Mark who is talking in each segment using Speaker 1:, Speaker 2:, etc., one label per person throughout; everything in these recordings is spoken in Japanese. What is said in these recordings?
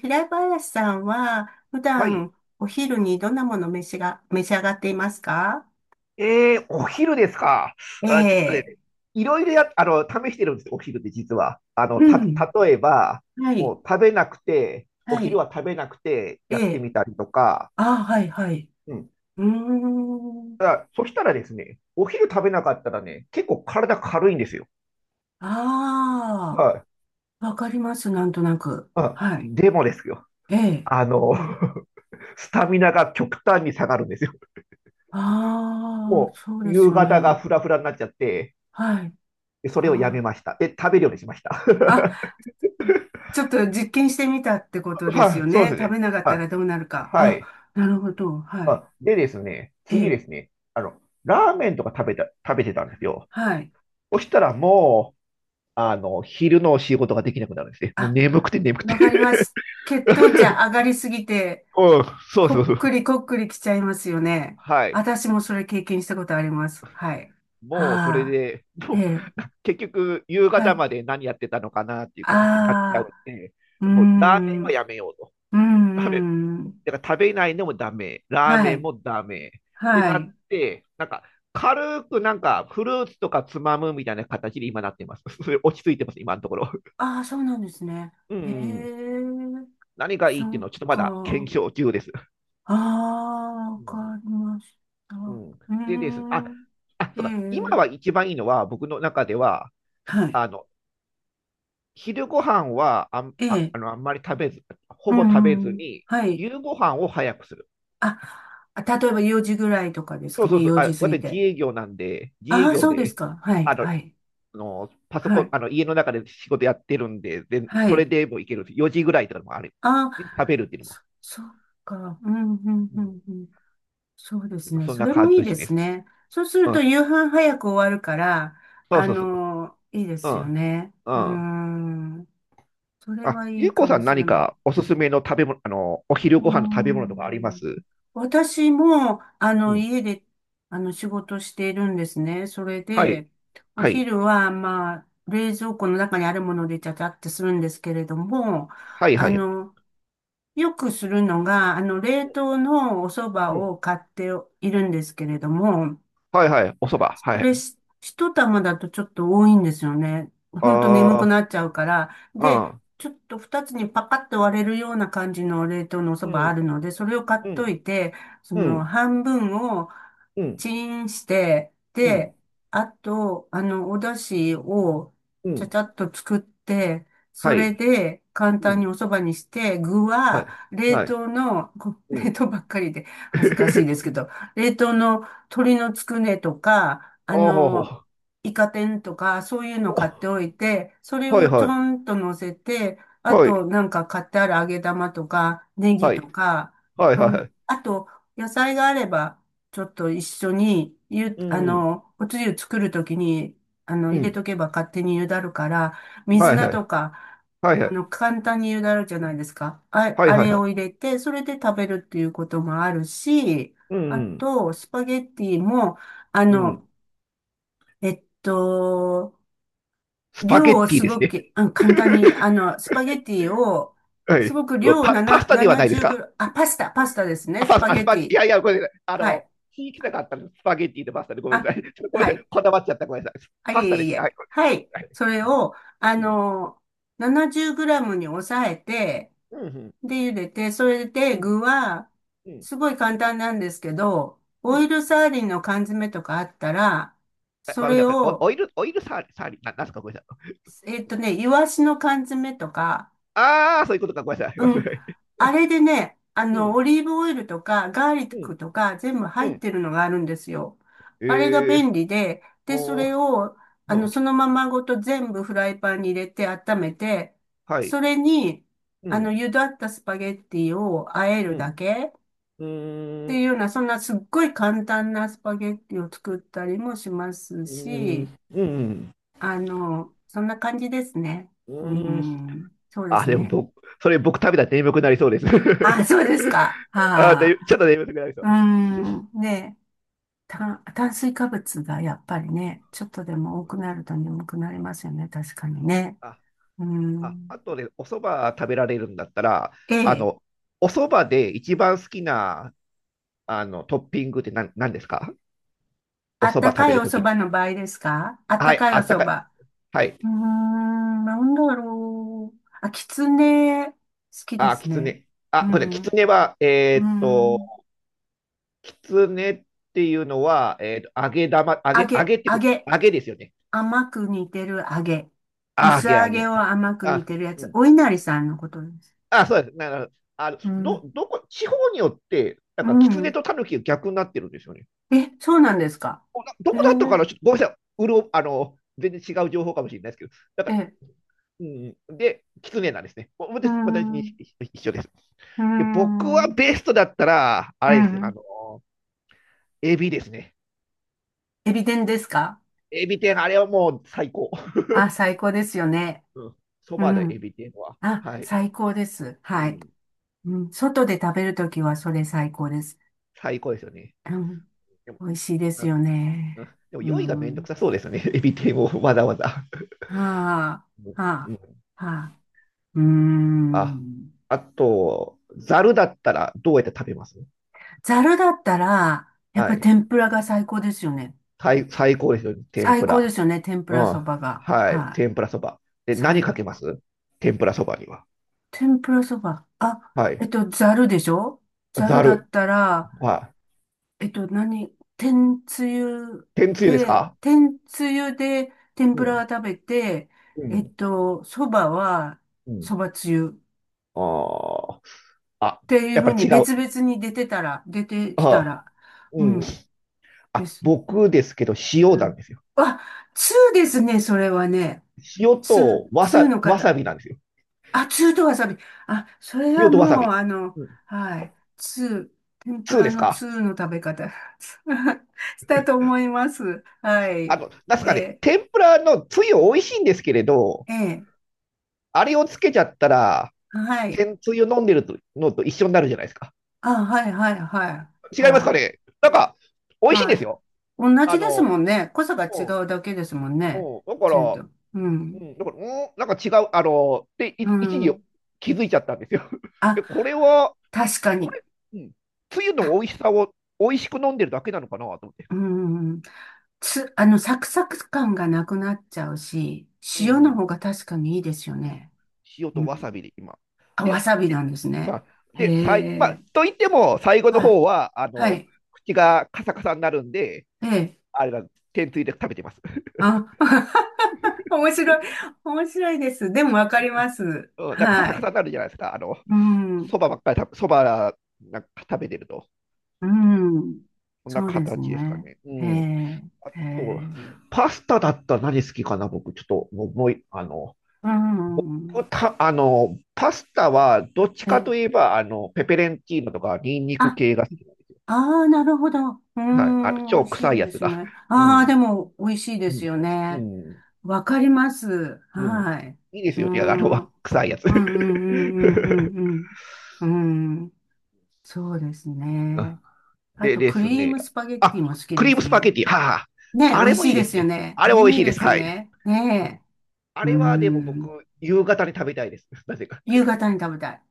Speaker 1: 平林さんは、普
Speaker 2: はい。
Speaker 1: 段お昼にどんなものを召し上がっていますか？
Speaker 2: お昼ですか。
Speaker 1: え
Speaker 2: あ、ちょっとね、
Speaker 1: え、
Speaker 2: いろいろや、あの、試してるんですよ、お昼って実は。
Speaker 1: うん。
Speaker 2: 例えば、
Speaker 1: は
Speaker 2: も
Speaker 1: い。
Speaker 2: う食べなくて、お
Speaker 1: は
Speaker 2: 昼
Speaker 1: い。
Speaker 2: は食べなくて
Speaker 1: え
Speaker 2: やって
Speaker 1: え。
Speaker 2: みたりとか、
Speaker 1: ああ、はい、はい。
Speaker 2: うん。
Speaker 1: うーん。
Speaker 2: ただ、そしたらですね、お昼食べなかったらね、結構体軽いんですよ。
Speaker 1: あ
Speaker 2: はい。
Speaker 1: あ、わかります。なんとなく。
Speaker 2: あ、
Speaker 1: はい。
Speaker 2: でもですよ。
Speaker 1: ええ。
Speaker 2: あの、
Speaker 1: ええ。
Speaker 2: スタミナが極端に下がるんですよ。
Speaker 1: ああ、
Speaker 2: も
Speaker 1: そう
Speaker 2: う、
Speaker 1: です
Speaker 2: 夕
Speaker 1: よ
Speaker 2: 方が
Speaker 1: ね。
Speaker 2: フラフラになっちゃって、
Speaker 1: はい。
Speaker 2: でそれをやめ
Speaker 1: あ
Speaker 2: ました。で、食べるようにしました。
Speaker 1: あ、ちょっと実験してみたってことです
Speaker 2: は
Speaker 1: よ
Speaker 2: い、そう
Speaker 1: ね。
Speaker 2: です
Speaker 1: 食
Speaker 2: ね。
Speaker 1: べなかった
Speaker 2: は
Speaker 1: ら
Speaker 2: い
Speaker 1: どうなるか。
Speaker 2: は
Speaker 1: あ、
Speaker 2: い。
Speaker 1: なるほど。はい。
Speaker 2: あ、でですね、
Speaker 1: え
Speaker 2: 次で
Speaker 1: え。
Speaker 2: すね、ラーメンとか食べてたんですよ。
Speaker 1: はい。
Speaker 2: そしたらもう、昼の仕事ができなくなるんですね。もう
Speaker 1: あ、
Speaker 2: 眠くて眠くて
Speaker 1: わかります。血糖値上 がりすぎて、
Speaker 2: うん、そうそう
Speaker 1: こ
Speaker 2: そ
Speaker 1: っ
Speaker 2: う。
Speaker 1: くりこっくりきちゃいますよね。
Speaker 2: はい。
Speaker 1: 私もそれ経験したことあります。はい。
Speaker 2: もうそれ
Speaker 1: あ
Speaker 2: で、
Speaker 1: あ、え
Speaker 2: もう
Speaker 1: え、
Speaker 2: 結局夕
Speaker 1: は
Speaker 2: 方
Speaker 1: い。
Speaker 2: まで何やってたのかなっていう形になっちゃうん
Speaker 1: ああ、
Speaker 2: で、
Speaker 1: うー
Speaker 2: もうラーメン
Speaker 1: ん、
Speaker 2: はやめようと。
Speaker 1: うん、うん。
Speaker 2: だから食べないのもダメ、ラー
Speaker 1: は
Speaker 2: メン
Speaker 1: い、
Speaker 2: もダメって
Speaker 1: は
Speaker 2: なっ
Speaker 1: い。
Speaker 2: て、なんか軽くなんかフルーツとかつまむみたいな形で今なってます。それ落ち着いてます、今のところ。
Speaker 1: ああ、そうなんですね。
Speaker 2: う
Speaker 1: へえ、
Speaker 2: ん。何がいいってい
Speaker 1: そ
Speaker 2: うの
Speaker 1: っ
Speaker 2: はちょっとまだ検
Speaker 1: か。
Speaker 2: 証中です。
Speaker 1: ああ、わ
Speaker 2: うん。
Speaker 1: かりました。
Speaker 2: う
Speaker 1: う
Speaker 2: ん、
Speaker 1: ー
Speaker 2: でですね、あ、
Speaker 1: ん、
Speaker 2: あ、
Speaker 1: え
Speaker 2: そうだ、今
Speaker 1: え、
Speaker 2: は一番いいのは僕の中では、
Speaker 1: はい。
Speaker 2: あの、昼ご飯は
Speaker 1: ええ、
Speaker 2: あんまり食べず、
Speaker 1: う
Speaker 2: ほぼ食べ
Speaker 1: ん、
Speaker 2: ず
Speaker 1: うん、
Speaker 2: に、
Speaker 1: はい。
Speaker 2: 夕ご飯を早くする。
Speaker 1: あ、例えば4時ぐらいとかです
Speaker 2: そ
Speaker 1: か
Speaker 2: うそ
Speaker 1: ね、
Speaker 2: うそう。
Speaker 1: 4時
Speaker 2: あ、
Speaker 1: 過ぎ
Speaker 2: 私自
Speaker 1: て。
Speaker 2: 営業なんで、自
Speaker 1: あ
Speaker 2: 営
Speaker 1: あ、
Speaker 2: 業
Speaker 1: そうです
Speaker 2: で、
Speaker 1: か。はい、
Speaker 2: あの、
Speaker 1: はい、
Speaker 2: のパソ
Speaker 1: は
Speaker 2: コン、
Speaker 1: い、
Speaker 2: あの家の中で仕事やってるんで、で
Speaker 1: は
Speaker 2: それ
Speaker 1: い。
Speaker 2: でもいけるんです。4時ぐらいとかもある。
Speaker 1: ああ、
Speaker 2: 食べるっていうのは。
Speaker 1: そっか。うん、うん、
Speaker 2: う
Speaker 1: う
Speaker 2: ん、
Speaker 1: ん、うん。そうですね。
Speaker 2: そん
Speaker 1: そ
Speaker 2: な
Speaker 1: れも
Speaker 2: 感
Speaker 1: いい
Speaker 2: じ
Speaker 1: で
Speaker 2: で
Speaker 1: す
Speaker 2: す。
Speaker 1: ね。そうする
Speaker 2: う
Speaker 1: と
Speaker 2: ん。
Speaker 1: 夕飯早く終わるから、
Speaker 2: そうそうそう。
Speaker 1: いいで
Speaker 2: う
Speaker 1: すよ
Speaker 2: ん。
Speaker 1: ね。
Speaker 2: う
Speaker 1: うー
Speaker 2: ん。
Speaker 1: ん。それ
Speaker 2: あ、
Speaker 1: はい
Speaker 2: ゆう
Speaker 1: い
Speaker 2: こ
Speaker 1: か
Speaker 2: さ
Speaker 1: も
Speaker 2: ん、
Speaker 1: し
Speaker 2: 何
Speaker 1: れない。
Speaker 2: かおすすめの食べ物、お
Speaker 1: う
Speaker 2: 昼
Speaker 1: ー
Speaker 2: ご飯の食べ物とかありま
Speaker 1: ん
Speaker 2: す？
Speaker 1: 私も、
Speaker 2: うん。
Speaker 1: 家で、仕事しているんですね。それ
Speaker 2: はい。
Speaker 1: で、お
Speaker 2: はい。
Speaker 1: 昼は、まあ、冷蔵庫の中にあるものでちゃちゃってするんですけれども、
Speaker 2: はい、は
Speaker 1: あ
Speaker 2: い。
Speaker 1: の、よくするのが、冷凍のお蕎麦
Speaker 2: うん。
Speaker 1: を買っているんですけれども、
Speaker 2: はい、はい。お蕎麦。
Speaker 1: そ
Speaker 2: は
Speaker 1: れ
Speaker 2: い。
Speaker 1: し、一玉だとちょっと多いんですよね。ほんと眠く
Speaker 2: あ
Speaker 1: なっちゃうから。
Speaker 2: あ、
Speaker 1: で、
Speaker 2: ああ。
Speaker 1: ちょっと二つにパカッと割れるような感じの冷凍のお蕎
Speaker 2: う
Speaker 1: 麦あ
Speaker 2: ん。
Speaker 1: るので、それを買
Speaker 2: う
Speaker 1: っと
Speaker 2: ん。
Speaker 1: いて、そ
Speaker 2: う
Speaker 1: の
Speaker 2: ん。
Speaker 1: 半分を
Speaker 2: うん。
Speaker 1: チンして、
Speaker 2: うん。
Speaker 1: で、あと、お出汁を
Speaker 2: う
Speaker 1: ちゃち
Speaker 2: ん。
Speaker 1: ゃっと作って、そ
Speaker 2: は
Speaker 1: れ
Speaker 2: い。
Speaker 1: で簡
Speaker 2: う
Speaker 1: 単に
Speaker 2: ん。
Speaker 1: お蕎麦にして、具
Speaker 2: はい。
Speaker 1: は冷
Speaker 2: はい。
Speaker 1: 凍の、
Speaker 2: う
Speaker 1: 冷
Speaker 2: ん。
Speaker 1: 凍ばっかりで恥ずかしいですけ ど、冷凍の鶏のつくねとか、あの、
Speaker 2: お
Speaker 1: イカ天とか、そういうの買って
Speaker 2: お。
Speaker 1: おいて、それ
Speaker 2: はい
Speaker 1: をち
Speaker 2: はい。
Speaker 1: ょんと乗せて、あ
Speaker 2: はい。
Speaker 1: と、なんか買ってある揚げ玉とか、ネギ
Speaker 2: は
Speaker 1: と
Speaker 2: い。
Speaker 1: か、
Speaker 2: はい
Speaker 1: そ
Speaker 2: はい
Speaker 1: ん
Speaker 2: は
Speaker 1: な、
Speaker 2: い。
Speaker 1: あと、野菜があれば、ちょっと一緒に、ゆ、
Speaker 2: う
Speaker 1: あ
Speaker 2: ん。
Speaker 1: の、おつゆ作るときに、
Speaker 2: う
Speaker 1: 入れ
Speaker 2: ん。
Speaker 1: とけば勝手に茹だるから、水
Speaker 2: はい
Speaker 1: 菜
Speaker 2: はい。
Speaker 1: とか、
Speaker 2: はいはい。
Speaker 1: 簡単に茹だるじゃないですか。あ、
Speaker 2: はい
Speaker 1: あ
Speaker 2: はい
Speaker 1: れ
Speaker 2: は
Speaker 1: を入
Speaker 2: い。
Speaker 1: れて、それで食べるっていうこともあるし、
Speaker 2: う
Speaker 1: あ
Speaker 2: ん。
Speaker 1: と、スパゲッティも、あ
Speaker 2: う
Speaker 1: の、
Speaker 2: ん。
Speaker 1: えっと、
Speaker 2: スパ
Speaker 1: 量
Speaker 2: ゲ
Speaker 1: を
Speaker 2: ッティ
Speaker 1: す
Speaker 2: です
Speaker 1: ご
Speaker 2: ね。
Speaker 1: く、うん、簡単に、スパゲティを、
Speaker 2: は
Speaker 1: す
Speaker 2: い。
Speaker 1: ごく量を
Speaker 2: パ、パ
Speaker 1: 7、
Speaker 2: スタではないです
Speaker 1: 70グ
Speaker 2: か？
Speaker 1: ラ、あ、パスタ、パスタですね、
Speaker 2: あ、
Speaker 1: ス
Speaker 2: パス、
Speaker 1: パ
Speaker 2: あ、
Speaker 1: ゲ
Speaker 2: スパ、
Speaker 1: テ
Speaker 2: い
Speaker 1: ィ。
Speaker 2: やいや、ごめんなさい。
Speaker 1: はい。
Speaker 2: 聞きたかったの。スパゲッティとパスタでごめん
Speaker 1: あ、
Speaker 2: なさい。ちょっとごめん
Speaker 1: は
Speaker 2: なさい。
Speaker 1: い。
Speaker 2: こだわっちゃった。ごめんなさい。
Speaker 1: あ、
Speaker 2: パ
Speaker 1: い
Speaker 2: スタ
Speaker 1: え
Speaker 2: で
Speaker 1: い
Speaker 2: すね。はい。
Speaker 1: え。はい。
Speaker 2: はい、
Speaker 1: それを、あ
Speaker 2: うん。
Speaker 1: の、70グラムに抑えて、
Speaker 2: うん。
Speaker 1: で、茹でて、それ
Speaker 2: う
Speaker 1: で
Speaker 2: ん。
Speaker 1: 具は、
Speaker 2: うん。
Speaker 1: すごい簡単なんですけど、
Speaker 2: う
Speaker 1: オイ
Speaker 2: ん。
Speaker 1: ルサーディンの缶詰とかあったら、
Speaker 2: あ、
Speaker 1: そ
Speaker 2: ごめんな
Speaker 1: れ
Speaker 2: さい。お
Speaker 1: を、
Speaker 2: オイル、オイルサーリ、サーリ、な、なんすか？ごめんなさい。
Speaker 1: イワシの缶詰とか、
Speaker 2: ああ、そういうことか。ごめんなさい。ごめん
Speaker 1: う
Speaker 2: な
Speaker 1: ん。
Speaker 2: さい。
Speaker 1: あれでね、
Speaker 2: うん。
Speaker 1: オリーブオイルとか、ガーリッ
Speaker 2: うん。
Speaker 1: クとか、全部
Speaker 2: う
Speaker 1: 入っ
Speaker 2: ん。
Speaker 1: てるのがあるんですよ。
Speaker 2: え
Speaker 1: あれが
Speaker 2: ー、
Speaker 1: 便利で、で、そ
Speaker 2: お
Speaker 1: れ
Speaker 2: ー、
Speaker 1: を、
Speaker 2: うん、
Speaker 1: そのままごと全部フライパンに入れて温めて、
Speaker 2: はい。
Speaker 1: それに、
Speaker 2: うん、
Speaker 1: 茹だったスパゲッティを和え
Speaker 2: う
Speaker 1: るだ
Speaker 2: ん、
Speaker 1: けっ
Speaker 2: うー
Speaker 1: ていう
Speaker 2: ん、
Speaker 1: ような、そんなすっごい簡単なスパゲッティを作ったりもします
Speaker 2: うー
Speaker 1: し、
Speaker 2: ん、うん、
Speaker 1: そんな感じですね。
Speaker 2: う
Speaker 1: う
Speaker 2: ーん。
Speaker 1: ん、そうで
Speaker 2: あ、
Speaker 1: す
Speaker 2: でも
Speaker 1: ね。
Speaker 2: 僕、それ僕食べたら眠くなりそうです。
Speaker 1: あ、そうですか。
Speaker 2: あ、
Speaker 1: は
Speaker 2: で、
Speaker 1: あ。
Speaker 2: ちょっと眠くなりそう。
Speaker 1: うん、ね炭水化物がやっぱりね、ちょっとでも多くなると眠くなりますよね、確かにね。
Speaker 2: あ、
Speaker 1: う
Speaker 2: あ、
Speaker 1: ん。
Speaker 2: あとね、お蕎麦食べられるんだったら、
Speaker 1: え
Speaker 2: あ
Speaker 1: え、
Speaker 2: の、お蕎麦で一番好きな、トッピングって何ですか？お
Speaker 1: あっ
Speaker 2: 蕎
Speaker 1: た
Speaker 2: 麦食
Speaker 1: か
Speaker 2: べ
Speaker 1: い
Speaker 2: る
Speaker 1: お
Speaker 2: と
Speaker 1: 蕎
Speaker 2: きに。
Speaker 1: 麦の場合ですか？あった
Speaker 2: はい、
Speaker 1: かい
Speaker 2: あ
Speaker 1: お
Speaker 2: った
Speaker 1: 蕎
Speaker 2: か
Speaker 1: 麦。
Speaker 2: い。は
Speaker 1: う
Speaker 2: い。
Speaker 1: ーん、なんだろう。あ、きつね、好きで
Speaker 2: あ、
Speaker 1: す
Speaker 2: きつ
Speaker 1: ね。
Speaker 2: ね。
Speaker 1: う
Speaker 2: あ、これ、きつ
Speaker 1: ん、
Speaker 2: ねは、
Speaker 1: うん。
Speaker 2: きつねっていうのは、
Speaker 1: 揚
Speaker 2: 揚げ
Speaker 1: げ、
Speaker 2: って
Speaker 1: 揚
Speaker 2: こと、
Speaker 1: げ。
Speaker 2: 揚げですよね。
Speaker 1: 甘く煮てる揚げ。
Speaker 2: あ、揚
Speaker 1: 薄
Speaker 2: げ
Speaker 1: 揚
Speaker 2: 揚
Speaker 1: げ
Speaker 2: げ。
Speaker 1: を甘く煮
Speaker 2: あ、
Speaker 1: てるや
Speaker 2: う
Speaker 1: つ。
Speaker 2: ん。
Speaker 1: お稲荷さんのことです。
Speaker 2: あ、そうです。なるあの、
Speaker 1: う
Speaker 2: ど、
Speaker 1: ん、
Speaker 2: どこ、地方によって、な
Speaker 1: う
Speaker 2: んか、きつね
Speaker 1: ん。
Speaker 2: とタヌキが逆になってるんですよね。
Speaker 1: え、そうなんですか。
Speaker 2: ど
Speaker 1: へえ、
Speaker 2: こだったかな、ちょっとごめんなさい。うろ、あの、全然違う情報かもしれないですけど、だか
Speaker 1: え
Speaker 2: ら、
Speaker 1: え、
Speaker 2: うん、で、きつねなんですね。
Speaker 1: うー
Speaker 2: 私に
Speaker 1: ん、う
Speaker 2: 一緒です。
Speaker 1: ー
Speaker 2: で、僕は
Speaker 1: ん、
Speaker 2: ベストだったら、あ
Speaker 1: う
Speaker 2: れですよ、
Speaker 1: ん。
Speaker 2: エビですね。
Speaker 1: エビ天ですか？
Speaker 2: エビ天、あれはもう最高。
Speaker 1: あ、最高ですよね。
Speaker 2: うん、そ
Speaker 1: う
Speaker 2: ばでエ
Speaker 1: ん。
Speaker 2: ビ天は。
Speaker 1: あ、
Speaker 2: はい。
Speaker 1: 最高です。
Speaker 2: う
Speaker 1: はい。
Speaker 2: ん、
Speaker 1: うん、外で食べるときはそれ最高です。
Speaker 2: 最高ですよね。
Speaker 1: うん、
Speaker 2: でも、
Speaker 1: 美味しいで
Speaker 2: あ
Speaker 1: すよ
Speaker 2: うん
Speaker 1: ね。
Speaker 2: でも
Speaker 1: う
Speaker 2: 用意がめんどく
Speaker 1: ん。
Speaker 2: さそうですよね。エビ天をわざわざ。
Speaker 1: は
Speaker 2: うん
Speaker 1: あ、
Speaker 2: う
Speaker 1: は
Speaker 2: ん。
Speaker 1: あ、はあ。うー
Speaker 2: あ、
Speaker 1: ん。
Speaker 2: あと、ざるだったらどうやって食べます？
Speaker 1: ざるだったら、やっ
Speaker 2: は
Speaker 1: ぱり
Speaker 2: い。
Speaker 1: 天ぷらが最高ですよね。
Speaker 2: 最高ですよね。天
Speaker 1: 最
Speaker 2: ぷ
Speaker 1: 高で
Speaker 2: ら。
Speaker 1: すよね、天ぷ
Speaker 2: う
Speaker 1: らそ
Speaker 2: ん。
Speaker 1: ばが。
Speaker 2: はい。
Speaker 1: はい。
Speaker 2: 天ぷらそば。で、何
Speaker 1: 最
Speaker 2: かけます？天ぷらそばには。
Speaker 1: 天ぷらそば。あ、
Speaker 2: はい。
Speaker 1: ざるでしょ？ざる
Speaker 2: ざ
Speaker 1: だ
Speaker 2: る。
Speaker 1: ったら、
Speaker 2: はい。
Speaker 1: 何？天つゆ
Speaker 2: 天つゆです
Speaker 1: で、
Speaker 2: か？
Speaker 1: 天つゆで天
Speaker 2: う
Speaker 1: ぷらは
Speaker 2: ん。
Speaker 1: 食べて、
Speaker 2: うん。
Speaker 1: そばは
Speaker 2: うん。
Speaker 1: そばつゆ
Speaker 2: あーあ、
Speaker 1: っていう
Speaker 2: やっ
Speaker 1: ふ
Speaker 2: ぱ
Speaker 1: う
Speaker 2: り
Speaker 1: に
Speaker 2: 違う。
Speaker 1: 別々に出てきた
Speaker 2: あ
Speaker 1: ら、
Speaker 2: ー、う
Speaker 1: う
Speaker 2: ん。
Speaker 1: ん、で
Speaker 2: あ、
Speaker 1: す。
Speaker 2: 僕ですけど、塩
Speaker 1: う
Speaker 2: なん
Speaker 1: ん。
Speaker 2: ですよ。
Speaker 1: あ、通ですね、それはね。
Speaker 2: 塩
Speaker 1: 通、
Speaker 2: とわ
Speaker 1: 通
Speaker 2: さ、
Speaker 1: の
Speaker 2: わさ
Speaker 1: 方。
Speaker 2: びなんですよ。
Speaker 1: あ、ツーとわさび。あ、それは
Speaker 2: 塩とわさ
Speaker 1: も
Speaker 2: び。
Speaker 1: う、
Speaker 2: うん。
Speaker 1: はい。ツー、天ぷ
Speaker 2: 通
Speaker 1: ら
Speaker 2: です
Speaker 1: の
Speaker 2: か？
Speaker 1: ツーの食べ方？ したと思います。はい。
Speaker 2: なんすかね、
Speaker 1: え
Speaker 2: 天ぷらのつゆ美味しいんですけれど、
Speaker 1: ー、え
Speaker 2: あれをつけちゃったら、
Speaker 1: はい。
Speaker 2: 天つゆ飲んでるとのと一緒になるじゃないですか。
Speaker 1: あ、はい、はい、はい、
Speaker 2: 違います
Speaker 1: は
Speaker 2: か
Speaker 1: い、
Speaker 2: ね、なんか、美味しいんです
Speaker 1: は
Speaker 2: よ。
Speaker 1: い。同
Speaker 2: あ
Speaker 1: じです
Speaker 2: の、
Speaker 1: もんね。濃さが違
Speaker 2: うん、
Speaker 1: うだけですもんね。
Speaker 2: うん、
Speaker 1: ツーと。うん、
Speaker 2: だから、うん、なんか違う、で、
Speaker 1: う
Speaker 2: 一時
Speaker 1: ん。
Speaker 2: 気づいちゃったんですよ。
Speaker 1: あ、
Speaker 2: で、これは、
Speaker 1: 確か
Speaker 2: こ
Speaker 1: に。
Speaker 2: れ、うん、つゆの美
Speaker 1: た、
Speaker 2: 味しさを美味しく飲んでるだけなのかなと思って。
Speaker 1: うん。つ、あの、サクサク感がなくなっちゃうし、
Speaker 2: う
Speaker 1: 塩の
Speaker 2: ん。
Speaker 1: 方が確かにいいですよ
Speaker 2: うん、
Speaker 1: ね。
Speaker 2: 塩と
Speaker 1: う
Speaker 2: わさ
Speaker 1: ん。
Speaker 2: びで今。
Speaker 1: あ、わ
Speaker 2: で、
Speaker 1: さび
Speaker 2: で、
Speaker 1: なんです
Speaker 2: ま
Speaker 1: ね。
Speaker 2: あ、
Speaker 1: へ
Speaker 2: で、さい、まあ、
Speaker 1: え。
Speaker 2: と言っても、最後の
Speaker 1: はい。
Speaker 2: 方は、
Speaker 1: はい。
Speaker 2: 口がカサカサになるんで、
Speaker 1: ええ。
Speaker 2: あれだ、天つゆで食べてます。
Speaker 1: あ、面白い。面白いです。でもわかります。
Speaker 2: うん、なんかカサ
Speaker 1: は
Speaker 2: カ
Speaker 1: い。
Speaker 2: サになるじゃないですか。
Speaker 1: うん。
Speaker 2: そばなんか食べてると。
Speaker 1: うん。
Speaker 2: こんな
Speaker 1: そうです
Speaker 2: 形ですか
Speaker 1: ね。
Speaker 2: ね。う
Speaker 1: へえ。
Speaker 2: ん。あ
Speaker 1: へ
Speaker 2: と、
Speaker 1: え。
Speaker 2: パスタだったら何好きかな、僕。ちょっと、もう、もういあの、
Speaker 1: うん。
Speaker 2: た、あの、パスタは、どっち
Speaker 1: え
Speaker 2: か
Speaker 1: え。
Speaker 2: といえば、ペペレンチーノとか、ニンニク
Speaker 1: あ、
Speaker 2: 系が好き？
Speaker 1: ああ、なるほど。う
Speaker 2: はい。あ、
Speaker 1: ん。美
Speaker 2: 超
Speaker 1: 味し
Speaker 2: 臭
Speaker 1: い
Speaker 2: いや
Speaker 1: で
Speaker 2: つ
Speaker 1: す
Speaker 2: が。
Speaker 1: ね。
Speaker 2: う
Speaker 1: ああ、
Speaker 2: ん。
Speaker 1: でも美味しいで
Speaker 2: う
Speaker 1: す
Speaker 2: ん。
Speaker 1: よ
Speaker 2: う
Speaker 1: ね。
Speaker 2: ん。
Speaker 1: わかります。
Speaker 2: うん。
Speaker 1: はい。
Speaker 2: いいで
Speaker 1: う
Speaker 2: すよ。じゃあ、
Speaker 1: ん。うん
Speaker 2: 臭いやつ。
Speaker 1: うんうんうんうんうん。うん。そうです
Speaker 2: あ、
Speaker 1: ね。あ
Speaker 2: で
Speaker 1: と、
Speaker 2: で
Speaker 1: ク
Speaker 2: す
Speaker 1: リー
Speaker 2: ね。
Speaker 1: ムスパゲッティ
Speaker 2: あ、
Speaker 1: も好き
Speaker 2: ク
Speaker 1: で
Speaker 2: リーム
Speaker 1: す
Speaker 2: スパ
Speaker 1: ね。
Speaker 2: ゲティ。はあ。
Speaker 1: ねえ、
Speaker 2: あ
Speaker 1: 美
Speaker 2: れ
Speaker 1: 味
Speaker 2: も
Speaker 1: し
Speaker 2: い
Speaker 1: い
Speaker 2: いで
Speaker 1: で
Speaker 2: す
Speaker 1: すよ
Speaker 2: ね。
Speaker 1: ね。
Speaker 2: あ
Speaker 1: あ
Speaker 2: れ
Speaker 1: れ
Speaker 2: も美
Speaker 1: も
Speaker 2: 味
Speaker 1: い
Speaker 2: し
Speaker 1: い
Speaker 2: いで
Speaker 1: で
Speaker 2: す。
Speaker 1: すよ
Speaker 2: はい。
Speaker 1: ね。
Speaker 2: うん、
Speaker 1: ね
Speaker 2: あ
Speaker 1: え。うー
Speaker 2: れはでも僕、
Speaker 1: ん。
Speaker 2: 夕方に食べたいです。なぜか。
Speaker 1: 夕方に食べたい。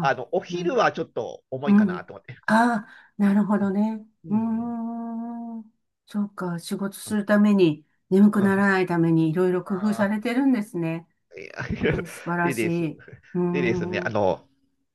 Speaker 1: あ。
Speaker 2: お
Speaker 1: う
Speaker 2: 昼
Speaker 1: ん。
Speaker 2: はちょっと重
Speaker 1: う
Speaker 2: いかな
Speaker 1: ん。
Speaker 2: と思って。
Speaker 1: ああ、なるほ
Speaker 2: う
Speaker 1: どね。
Speaker 2: ん。う
Speaker 1: うー
Speaker 2: ん、
Speaker 1: ん。そうか。仕事す
Speaker 2: あ、
Speaker 1: るために、眠くならないために、いろいろ工夫
Speaker 2: あ
Speaker 1: されてるんですね。
Speaker 2: あ、い
Speaker 1: え
Speaker 2: や、
Speaker 1: ー 素晴ら
Speaker 2: で
Speaker 1: し
Speaker 2: です。
Speaker 1: い。うー
Speaker 2: でですね、あ
Speaker 1: ん。
Speaker 2: の、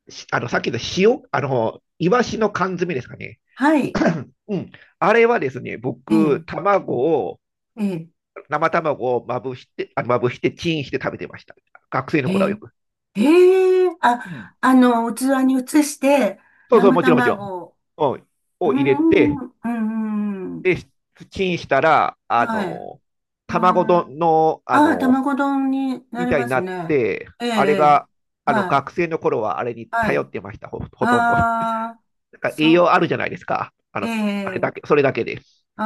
Speaker 2: しあの、さっきの塩、イワシの缶詰ですかね。
Speaker 1: はい。
Speaker 2: うん。あれはですね、
Speaker 1: ええ、
Speaker 2: 僕、を、
Speaker 1: ええ、
Speaker 2: 生卵をまぶして、あ、まぶして、チンして食べてました。学生の
Speaker 1: へ
Speaker 2: 頃はよ
Speaker 1: え、
Speaker 2: く。
Speaker 1: へえ、あ、
Speaker 2: うん。
Speaker 1: 器に移して、
Speaker 2: そうそう、
Speaker 1: 生
Speaker 2: もちろん、もちろん。
Speaker 1: 卵を。
Speaker 2: うん。
Speaker 1: うー
Speaker 2: を入れ
Speaker 1: ん、
Speaker 2: て、
Speaker 1: うん、うん、うん。
Speaker 2: で、チンしたら、
Speaker 1: はい。へえ、
Speaker 2: 卵丼の、
Speaker 1: ああ、卵丼にな
Speaker 2: み
Speaker 1: り
Speaker 2: たい
Speaker 1: ま
Speaker 2: に
Speaker 1: す
Speaker 2: なっ
Speaker 1: ね。
Speaker 2: て、
Speaker 1: ええ、え
Speaker 2: あれ
Speaker 1: え、
Speaker 2: が、
Speaker 1: はい、
Speaker 2: 学生の頃はあれに
Speaker 1: は
Speaker 2: 頼
Speaker 1: い。
Speaker 2: ってました、ほとんど。な
Speaker 1: ああ、
Speaker 2: んか栄
Speaker 1: そ、
Speaker 2: 養あるじゃないですか。あれ
Speaker 1: ええ、
Speaker 2: だけ、それだけで。
Speaker 1: あ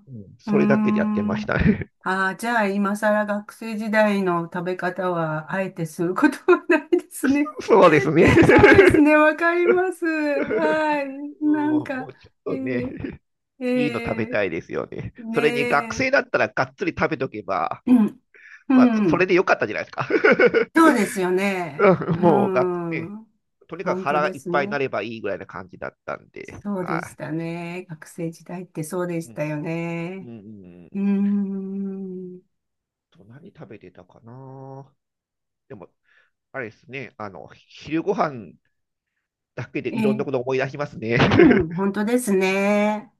Speaker 1: あ、
Speaker 2: うん。
Speaker 1: うー
Speaker 2: それだけでやってま
Speaker 1: ん。
Speaker 2: したね。
Speaker 1: ああ、じゃあ今更学生時代の食べ方はあえてすることはないですね。
Speaker 2: そうですね。
Speaker 1: そうで すね、わかります。はい。なん
Speaker 2: うん、も
Speaker 1: か、
Speaker 2: うちょ
Speaker 1: え
Speaker 2: っとね、
Speaker 1: ー、
Speaker 2: いいの食べ
Speaker 1: え
Speaker 2: たいですよね。
Speaker 1: ー、ね
Speaker 2: それに学
Speaker 1: え、
Speaker 2: 生だったらがっつり食べとけば、
Speaker 1: うん、う
Speaker 2: まあ、そそれ
Speaker 1: ん。
Speaker 2: でよかったじゃないですか。
Speaker 1: そうですよ ね。
Speaker 2: うん、
Speaker 1: う
Speaker 2: もうね、
Speaker 1: ん。
Speaker 2: とにかく
Speaker 1: 本当
Speaker 2: 腹が
Speaker 1: で
Speaker 2: いっ
Speaker 1: す
Speaker 2: ぱいにな
Speaker 1: ね。
Speaker 2: ればいいぐらいな感じだったんで、
Speaker 1: そうでし
Speaker 2: は
Speaker 1: たね。学生時代ってそうで
Speaker 2: い。
Speaker 1: し
Speaker 2: う
Speaker 1: た
Speaker 2: ん、
Speaker 1: よ
Speaker 2: うん、
Speaker 1: ね。
Speaker 2: うん。
Speaker 1: うーん。
Speaker 2: 何食べてたかな。でも、あれですね、昼ご飯だけでいろんな
Speaker 1: え
Speaker 2: こと
Speaker 1: え、
Speaker 2: 思い出しますね。
Speaker 1: うん、本当ですね。